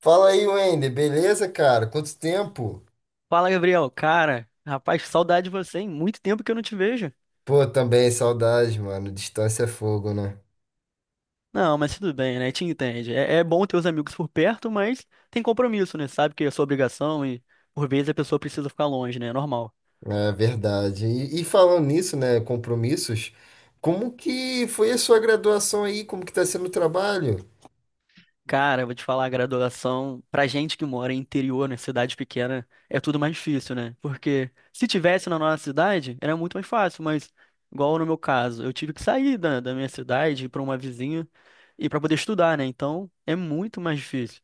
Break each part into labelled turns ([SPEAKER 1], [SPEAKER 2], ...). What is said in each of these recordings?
[SPEAKER 1] Fala aí, Wender, beleza, cara? Quanto tempo?
[SPEAKER 2] Fala, Gabriel. Cara, rapaz, saudade de você, hein? Muito tempo que eu não te vejo.
[SPEAKER 1] Pô, também saudade, mano. Distância é fogo, né?
[SPEAKER 2] Não, mas tudo bem, né? Te entende. É bom ter os amigos por perto, mas tem compromisso, né? Sabe que é sua obrigação e por vezes a pessoa precisa ficar longe, né? É normal.
[SPEAKER 1] É verdade. E falando nisso, né? Compromissos. Como que foi a sua graduação aí? Como que tá sendo o trabalho?
[SPEAKER 2] Cara, vou te falar, a graduação, pra gente que mora em interior, né, cidade pequena, é tudo mais difícil, né? Porque se tivesse na nossa cidade, era muito mais fácil, mas igual no meu caso, eu tive que sair da minha cidade para uma vizinha e para poder estudar, né? Então, é muito mais difícil.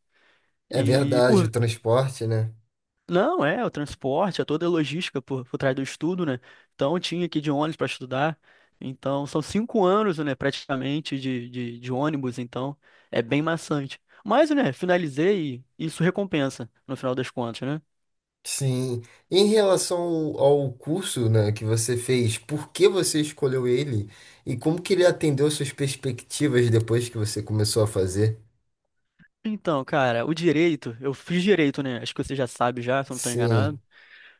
[SPEAKER 1] É
[SPEAKER 2] E
[SPEAKER 1] verdade, o
[SPEAKER 2] por
[SPEAKER 1] transporte, né?
[SPEAKER 2] Não, é, o transporte, é toda a logística por trás do estudo, né? Então, eu tinha que ir de ônibus para estudar. Então, são cinco anos, né, praticamente, de ônibus. Então, é bem maçante. Mas, né, finalizei e isso recompensa, no final das contas, né?
[SPEAKER 1] Sim. Em relação ao ao curso, né, que você fez, por que você escolheu ele? E como que ele atendeu suas perspectivas depois que você começou a fazer?
[SPEAKER 2] Então, cara, o direito, eu fiz direito, né? Acho que você já sabe já, se eu não estou enganado.
[SPEAKER 1] Sim.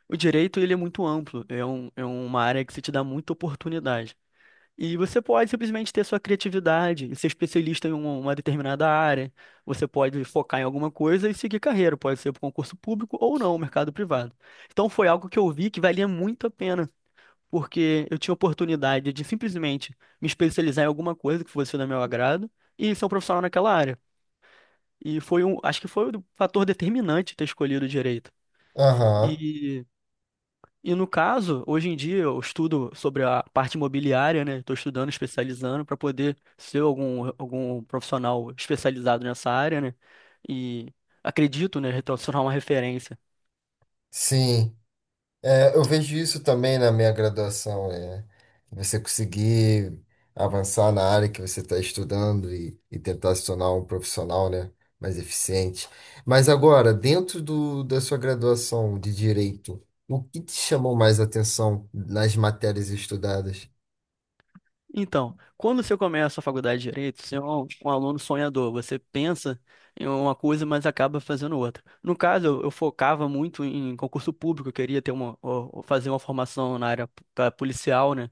[SPEAKER 2] O direito, ele é muito amplo. É uma área que se te dá muita oportunidade. E você pode simplesmente ter sua criatividade e ser especialista em uma determinada área. Você pode focar em alguma coisa e seguir carreira, pode ser para concurso público ou não, mercado privado. Então foi algo que eu vi que valia muito a pena, porque eu tinha oportunidade de simplesmente me especializar em alguma coisa que fosse do meu agrado e ser um profissional naquela área. E foi um, acho que foi o fator determinante ter escolhido direito.
[SPEAKER 1] Aham.
[SPEAKER 2] E no caso, hoje em dia eu estudo sobre a parte imobiliária, né? Estou estudando, especializando para poder ser algum profissional especializado nessa área, né? E acredito, né, retornar uma referência.
[SPEAKER 1] Sim. É, eu vejo isso também na minha graduação, é você conseguir avançar na área que você está estudando e tentar se tornar um profissional, né, mais eficiente. Mas agora, dentro da sua graduação de direito, o que te chamou mais atenção nas matérias estudadas?
[SPEAKER 2] Então, quando você começa a faculdade de Direito, você é um aluno sonhador, você pensa em uma coisa, mas acaba fazendo outra. No caso, eu focava muito em concurso público, eu queria ter uma, ó, fazer uma formação na área da policial, né?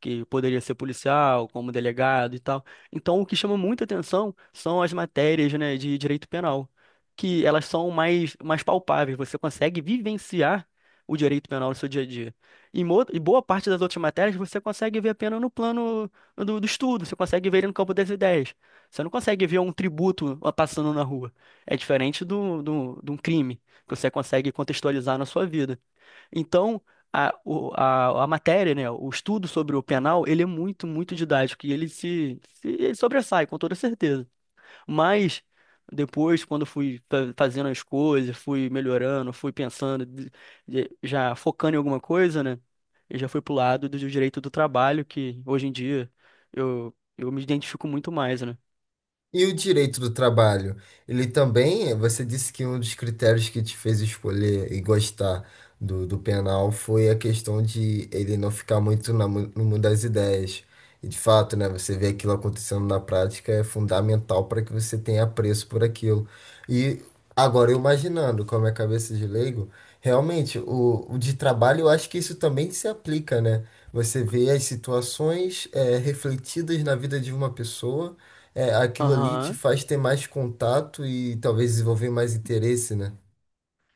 [SPEAKER 2] Que poderia ser policial, como delegado e tal. Então, o que chama muita atenção são as matérias, né, de direito penal, que elas são mais palpáveis, você consegue vivenciar o direito penal no seu dia a dia. Em boa parte das outras matérias, você consegue ver apenas no plano do estudo, você consegue ver ele no campo das ideias. Você não consegue ver um tributo passando na rua. É diferente de um crime, que você consegue contextualizar na sua vida. Então, a matéria, né, o estudo sobre o penal, ele é muito, muito didático e ele se, se ele sobressai, com toda certeza. Mas depois, quando eu fui fazendo as coisas, fui melhorando, fui pensando, já focando em alguma coisa, né? Eu já fui pro lado do direito do trabalho, que hoje em dia eu me identifico muito mais, né?
[SPEAKER 1] E o direito do trabalho? Ele também, você disse que um dos critérios que te fez escolher e gostar do penal foi a questão de ele não ficar muito na no mundo das ideias. E de fato, né, você vê aquilo acontecendo na prática é fundamental para que você tenha apreço por aquilo. E agora, eu imaginando com a minha cabeça de leigo, realmente, o de trabalho, eu acho que isso também se aplica, né? Você vê as situações, refletidas na vida de uma pessoa. É, aquilo ali te
[SPEAKER 2] Aham.
[SPEAKER 1] faz ter mais contato e talvez desenvolver mais interesse, né?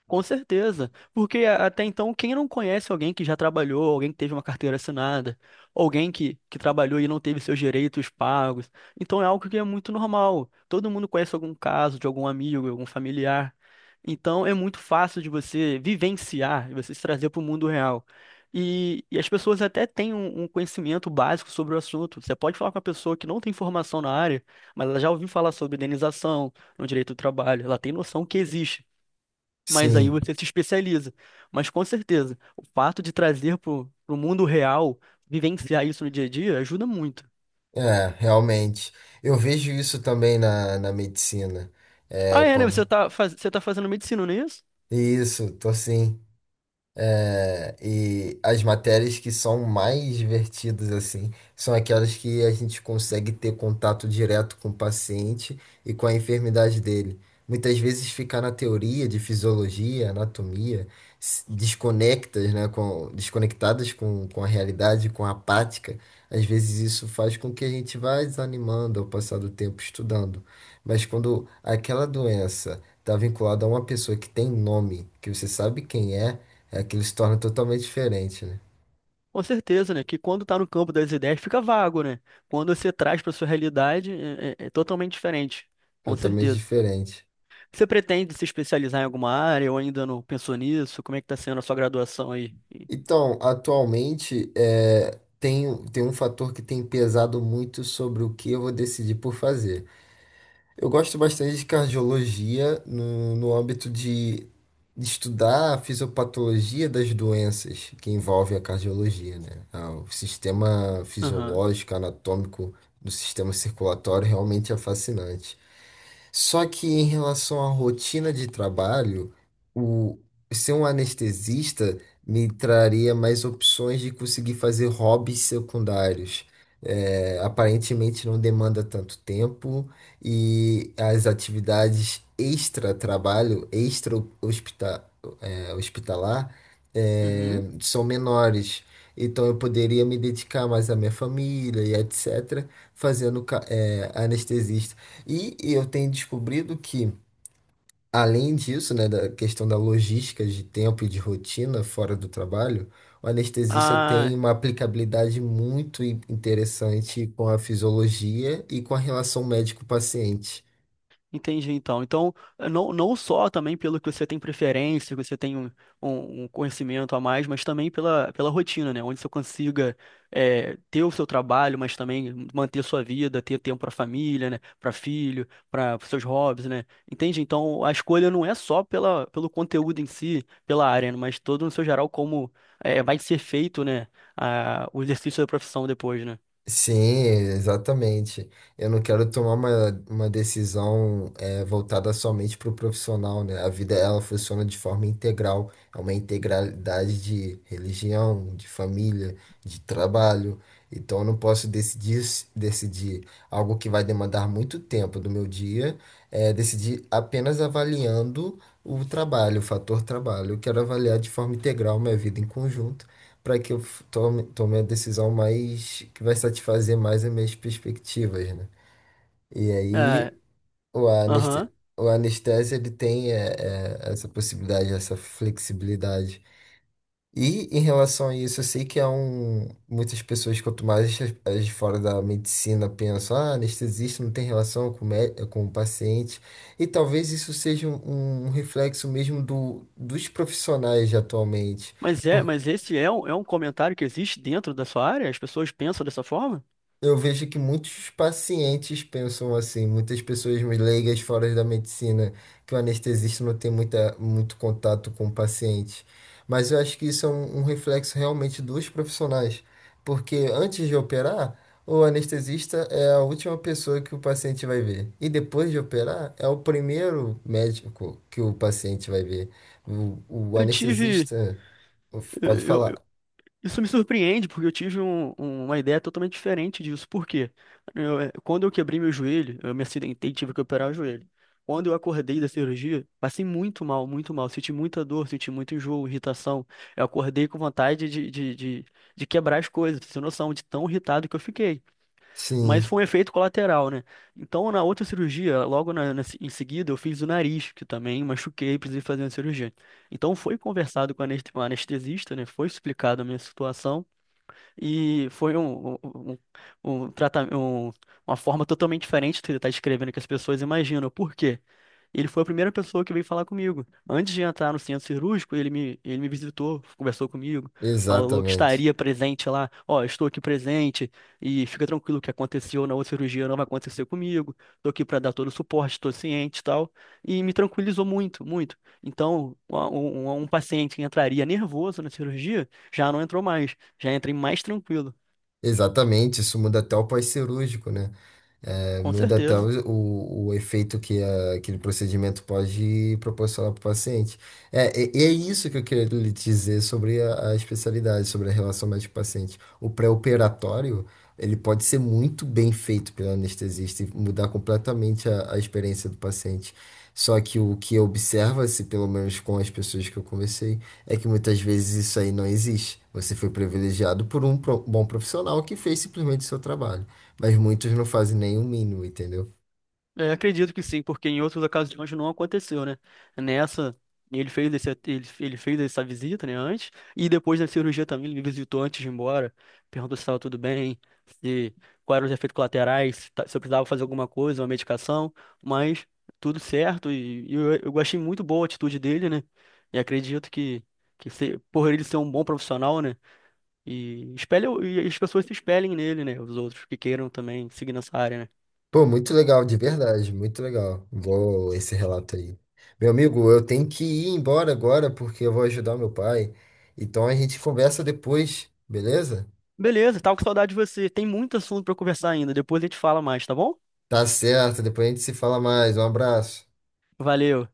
[SPEAKER 2] Com certeza, porque até então, quem não conhece alguém que já trabalhou, alguém que teve uma carteira assinada, alguém que trabalhou e não teve seus direitos pagos? Então é algo que é muito normal. Todo mundo conhece algum caso de algum amigo, algum familiar. Então é muito fácil de você vivenciar, de você se trazer para o mundo real. E as pessoas até têm um conhecimento básico sobre o assunto. Você pode falar com uma pessoa que não tem formação na área, mas ela já ouviu falar sobre indenização no direito do trabalho, ela tem noção que existe, mas aí
[SPEAKER 1] Sim,
[SPEAKER 2] você se especializa. Mas com certeza, o fato de trazer para o mundo real, vivenciar isso no dia a dia, ajuda muito.
[SPEAKER 1] é, realmente. Eu vejo isso também na medicina. É,
[SPEAKER 2] Ah, é, né?
[SPEAKER 1] quando.
[SPEAKER 2] Você tá, você tá fazendo medicina, não é isso?
[SPEAKER 1] Isso, tô assim. É, e as matérias que são mais divertidas, assim, são aquelas que a gente consegue ter contato direto com o paciente e com a enfermidade dele. Muitas vezes ficar na teoria de fisiologia, anatomia, desconectas, né, com, desconectadas com a realidade, com a prática, às vezes isso faz com que a gente vá desanimando ao passar do tempo estudando. Mas quando aquela doença está vinculada a uma pessoa que tem nome, que você sabe quem é é, aquilo se torna totalmente diferente, né?
[SPEAKER 2] Com certeza, né? Que quando tá no campo das ideias fica vago, né? Quando você traz para sua realidade, é totalmente diferente. Com
[SPEAKER 1] Totalmente
[SPEAKER 2] certeza.
[SPEAKER 1] diferente.
[SPEAKER 2] Você pretende se especializar em alguma área ou ainda não pensou nisso? Como é que tá sendo a sua graduação aí?
[SPEAKER 1] Então, atualmente, tem um fator que tem pesado muito sobre o que eu vou decidir por fazer. Eu gosto bastante de cardiologia no âmbito de estudar a fisiopatologia das doenças que envolvem a cardiologia, né? Ah, o sistema
[SPEAKER 2] Aham.
[SPEAKER 1] fisiológico, anatômico do sistema circulatório realmente é fascinante. Só que em relação à rotina de trabalho, o ser um anestesista me traria mais opções de conseguir fazer hobbies secundários. É, aparentemente não demanda tanto tempo e as atividades extra-trabalho, extra-hospital, hospitalar,
[SPEAKER 2] Uhum.
[SPEAKER 1] são menores. Então eu poderia me dedicar mais à minha família e etc., fazendo anestesista. E eu tenho descobrido que, além disso, né, da questão da logística de tempo e de rotina fora do trabalho, o anestesista tem
[SPEAKER 2] Ah,
[SPEAKER 1] uma aplicabilidade muito interessante com a fisiologia e com a relação médico-paciente.
[SPEAKER 2] entendi. Então, Então, não, não só também pelo que você tem preferência, que você tem um conhecimento a mais, mas também pela rotina, né? Onde você consiga é ter o seu trabalho, mas também manter sua vida, ter tempo para família, né? Para filho, para seus hobbies, né? Entende? Então, a escolha não é só pelo conteúdo em si, pela área, né? Mas todo no seu geral como vai ser feito, né? O exercício da profissão depois, né?
[SPEAKER 1] Sim, exatamente. Eu não quero tomar uma decisão voltada somente para o profissional, né? A vida ela funciona de forma integral, é uma integralidade de religião, de família, de trabalho. Então eu não posso decidir algo que vai demandar muito tempo do meu dia, decidir apenas avaliando o trabalho, o fator trabalho. Eu quero avaliar de forma integral minha vida em conjunto para que eu tome a decisão mais que vai satisfazer mais as minhas perspectivas, né? E
[SPEAKER 2] É,
[SPEAKER 1] aí o
[SPEAKER 2] aham.
[SPEAKER 1] aneste, o anestesia ele tem essa possibilidade, essa flexibilidade. E em relação a isso, eu sei que há um, muitas pessoas, quanto mais as de fora da medicina pensam, ah, anestesista não tem relação com, o com o paciente. E talvez isso seja um reflexo mesmo dos profissionais de atualmente.
[SPEAKER 2] Mas é, mas esse é um comentário que existe dentro da sua área? As pessoas pensam dessa forma?
[SPEAKER 1] Eu vejo que muitos pacientes pensam assim, muitas pessoas leigas fora da medicina, que o anestesista não tem muito contato com o paciente. Mas eu acho que isso é um reflexo realmente dos profissionais, porque antes de operar, o anestesista é a última pessoa que o paciente vai ver. E depois de operar, é o primeiro médico que o paciente vai ver. O, o
[SPEAKER 2] Eu tive.
[SPEAKER 1] anestesista pode
[SPEAKER 2] eu-
[SPEAKER 1] falar.
[SPEAKER 2] eu- isso me surpreende, porque eu tive uma ideia totalmente diferente disso. Por quê? Eu, quando eu quebrei meu joelho, eu me acidentei e tive que operar o joelho. Quando eu acordei da cirurgia, passei muito mal, muito mal. Senti muita dor, senti muito enjoo, irritação. Eu acordei com vontade de quebrar as coisas, sem noção de tão irritado que eu fiquei. Mas
[SPEAKER 1] Sim,
[SPEAKER 2] foi um efeito colateral, né? Então, na outra cirurgia, logo na- na se- em seguida, eu fiz o nariz, que também machuquei, precisei fazer uma cirurgia. Então, foi conversado com o com o anestesista, né? Foi explicado a minha situação. E foi um um trata- um- uma forma totalmente diferente de estar escrevendo que as pessoas imaginam. Por quê? Ele foi a primeira pessoa que veio falar comigo. Antes de entrar no centro cirúrgico, ele me visitou, conversou comigo, falou que
[SPEAKER 1] exatamente.
[SPEAKER 2] estaria presente lá. Ó, estou aqui presente e fica tranquilo, o que aconteceu na outra cirurgia não vai acontecer comigo. Estou aqui para dar todo o suporte, estou ciente e tal. E me tranquilizou muito, muito. Então, paciente que entraria nervoso na cirurgia já não entrou mais. Já entrei mais tranquilo,
[SPEAKER 1] Exatamente, isso muda até o pós-cirúrgico, né? É,
[SPEAKER 2] com
[SPEAKER 1] muda até
[SPEAKER 2] certeza.
[SPEAKER 1] o efeito que aquele procedimento pode proporcionar para o paciente. É, e é isso que eu queria lhe dizer sobre a especialidade, sobre a relação médico-paciente. O pré-operatório, ele pode ser muito bem feito pelo anestesista e mudar completamente a experiência do paciente. Só que o que observa-se, pelo menos com as pessoas que eu conversei, é que muitas vezes isso aí não existe. Você foi privilegiado por um bom profissional que fez simplesmente o seu trabalho. Mas muitos não fazem nem o mínimo, entendeu?
[SPEAKER 2] É, acredito que sim, porque em outras ocasiões não aconteceu, né? Nessa, ele fez essa visita, né, antes, e depois da cirurgia também, ele me visitou antes de ir embora, perguntou se estava tudo bem, se quais eram os efeitos colaterais, se eu precisava fazer alguma coisa, uma medicação, mas tudo certo, eu achei muito boa a atitude dele, né? E acredito que, por ele ser um bom profissional, né? E espelha, e as pessoas se espelhem nele, né? Os outros que queiram também seguir nessa área, né?
[SPEAKER 1] Pô, muito legal, de verdade, muito legal. Vou esse relato aí. Meu amigo, eu tenho que ir embora agora porque eu vou ajudar meu pai. Então a gente conversa depois, beleza?
[SPEAKER 2] Beleza, tava com saudade de você. Tem muito assunto pra conversar ainda. Depois a gente fala mais, tá bom?
[SPEAKER 1] Tá certo, depois a gente se fala mais. Um abraço.
[SPEAKER 2] Valeu.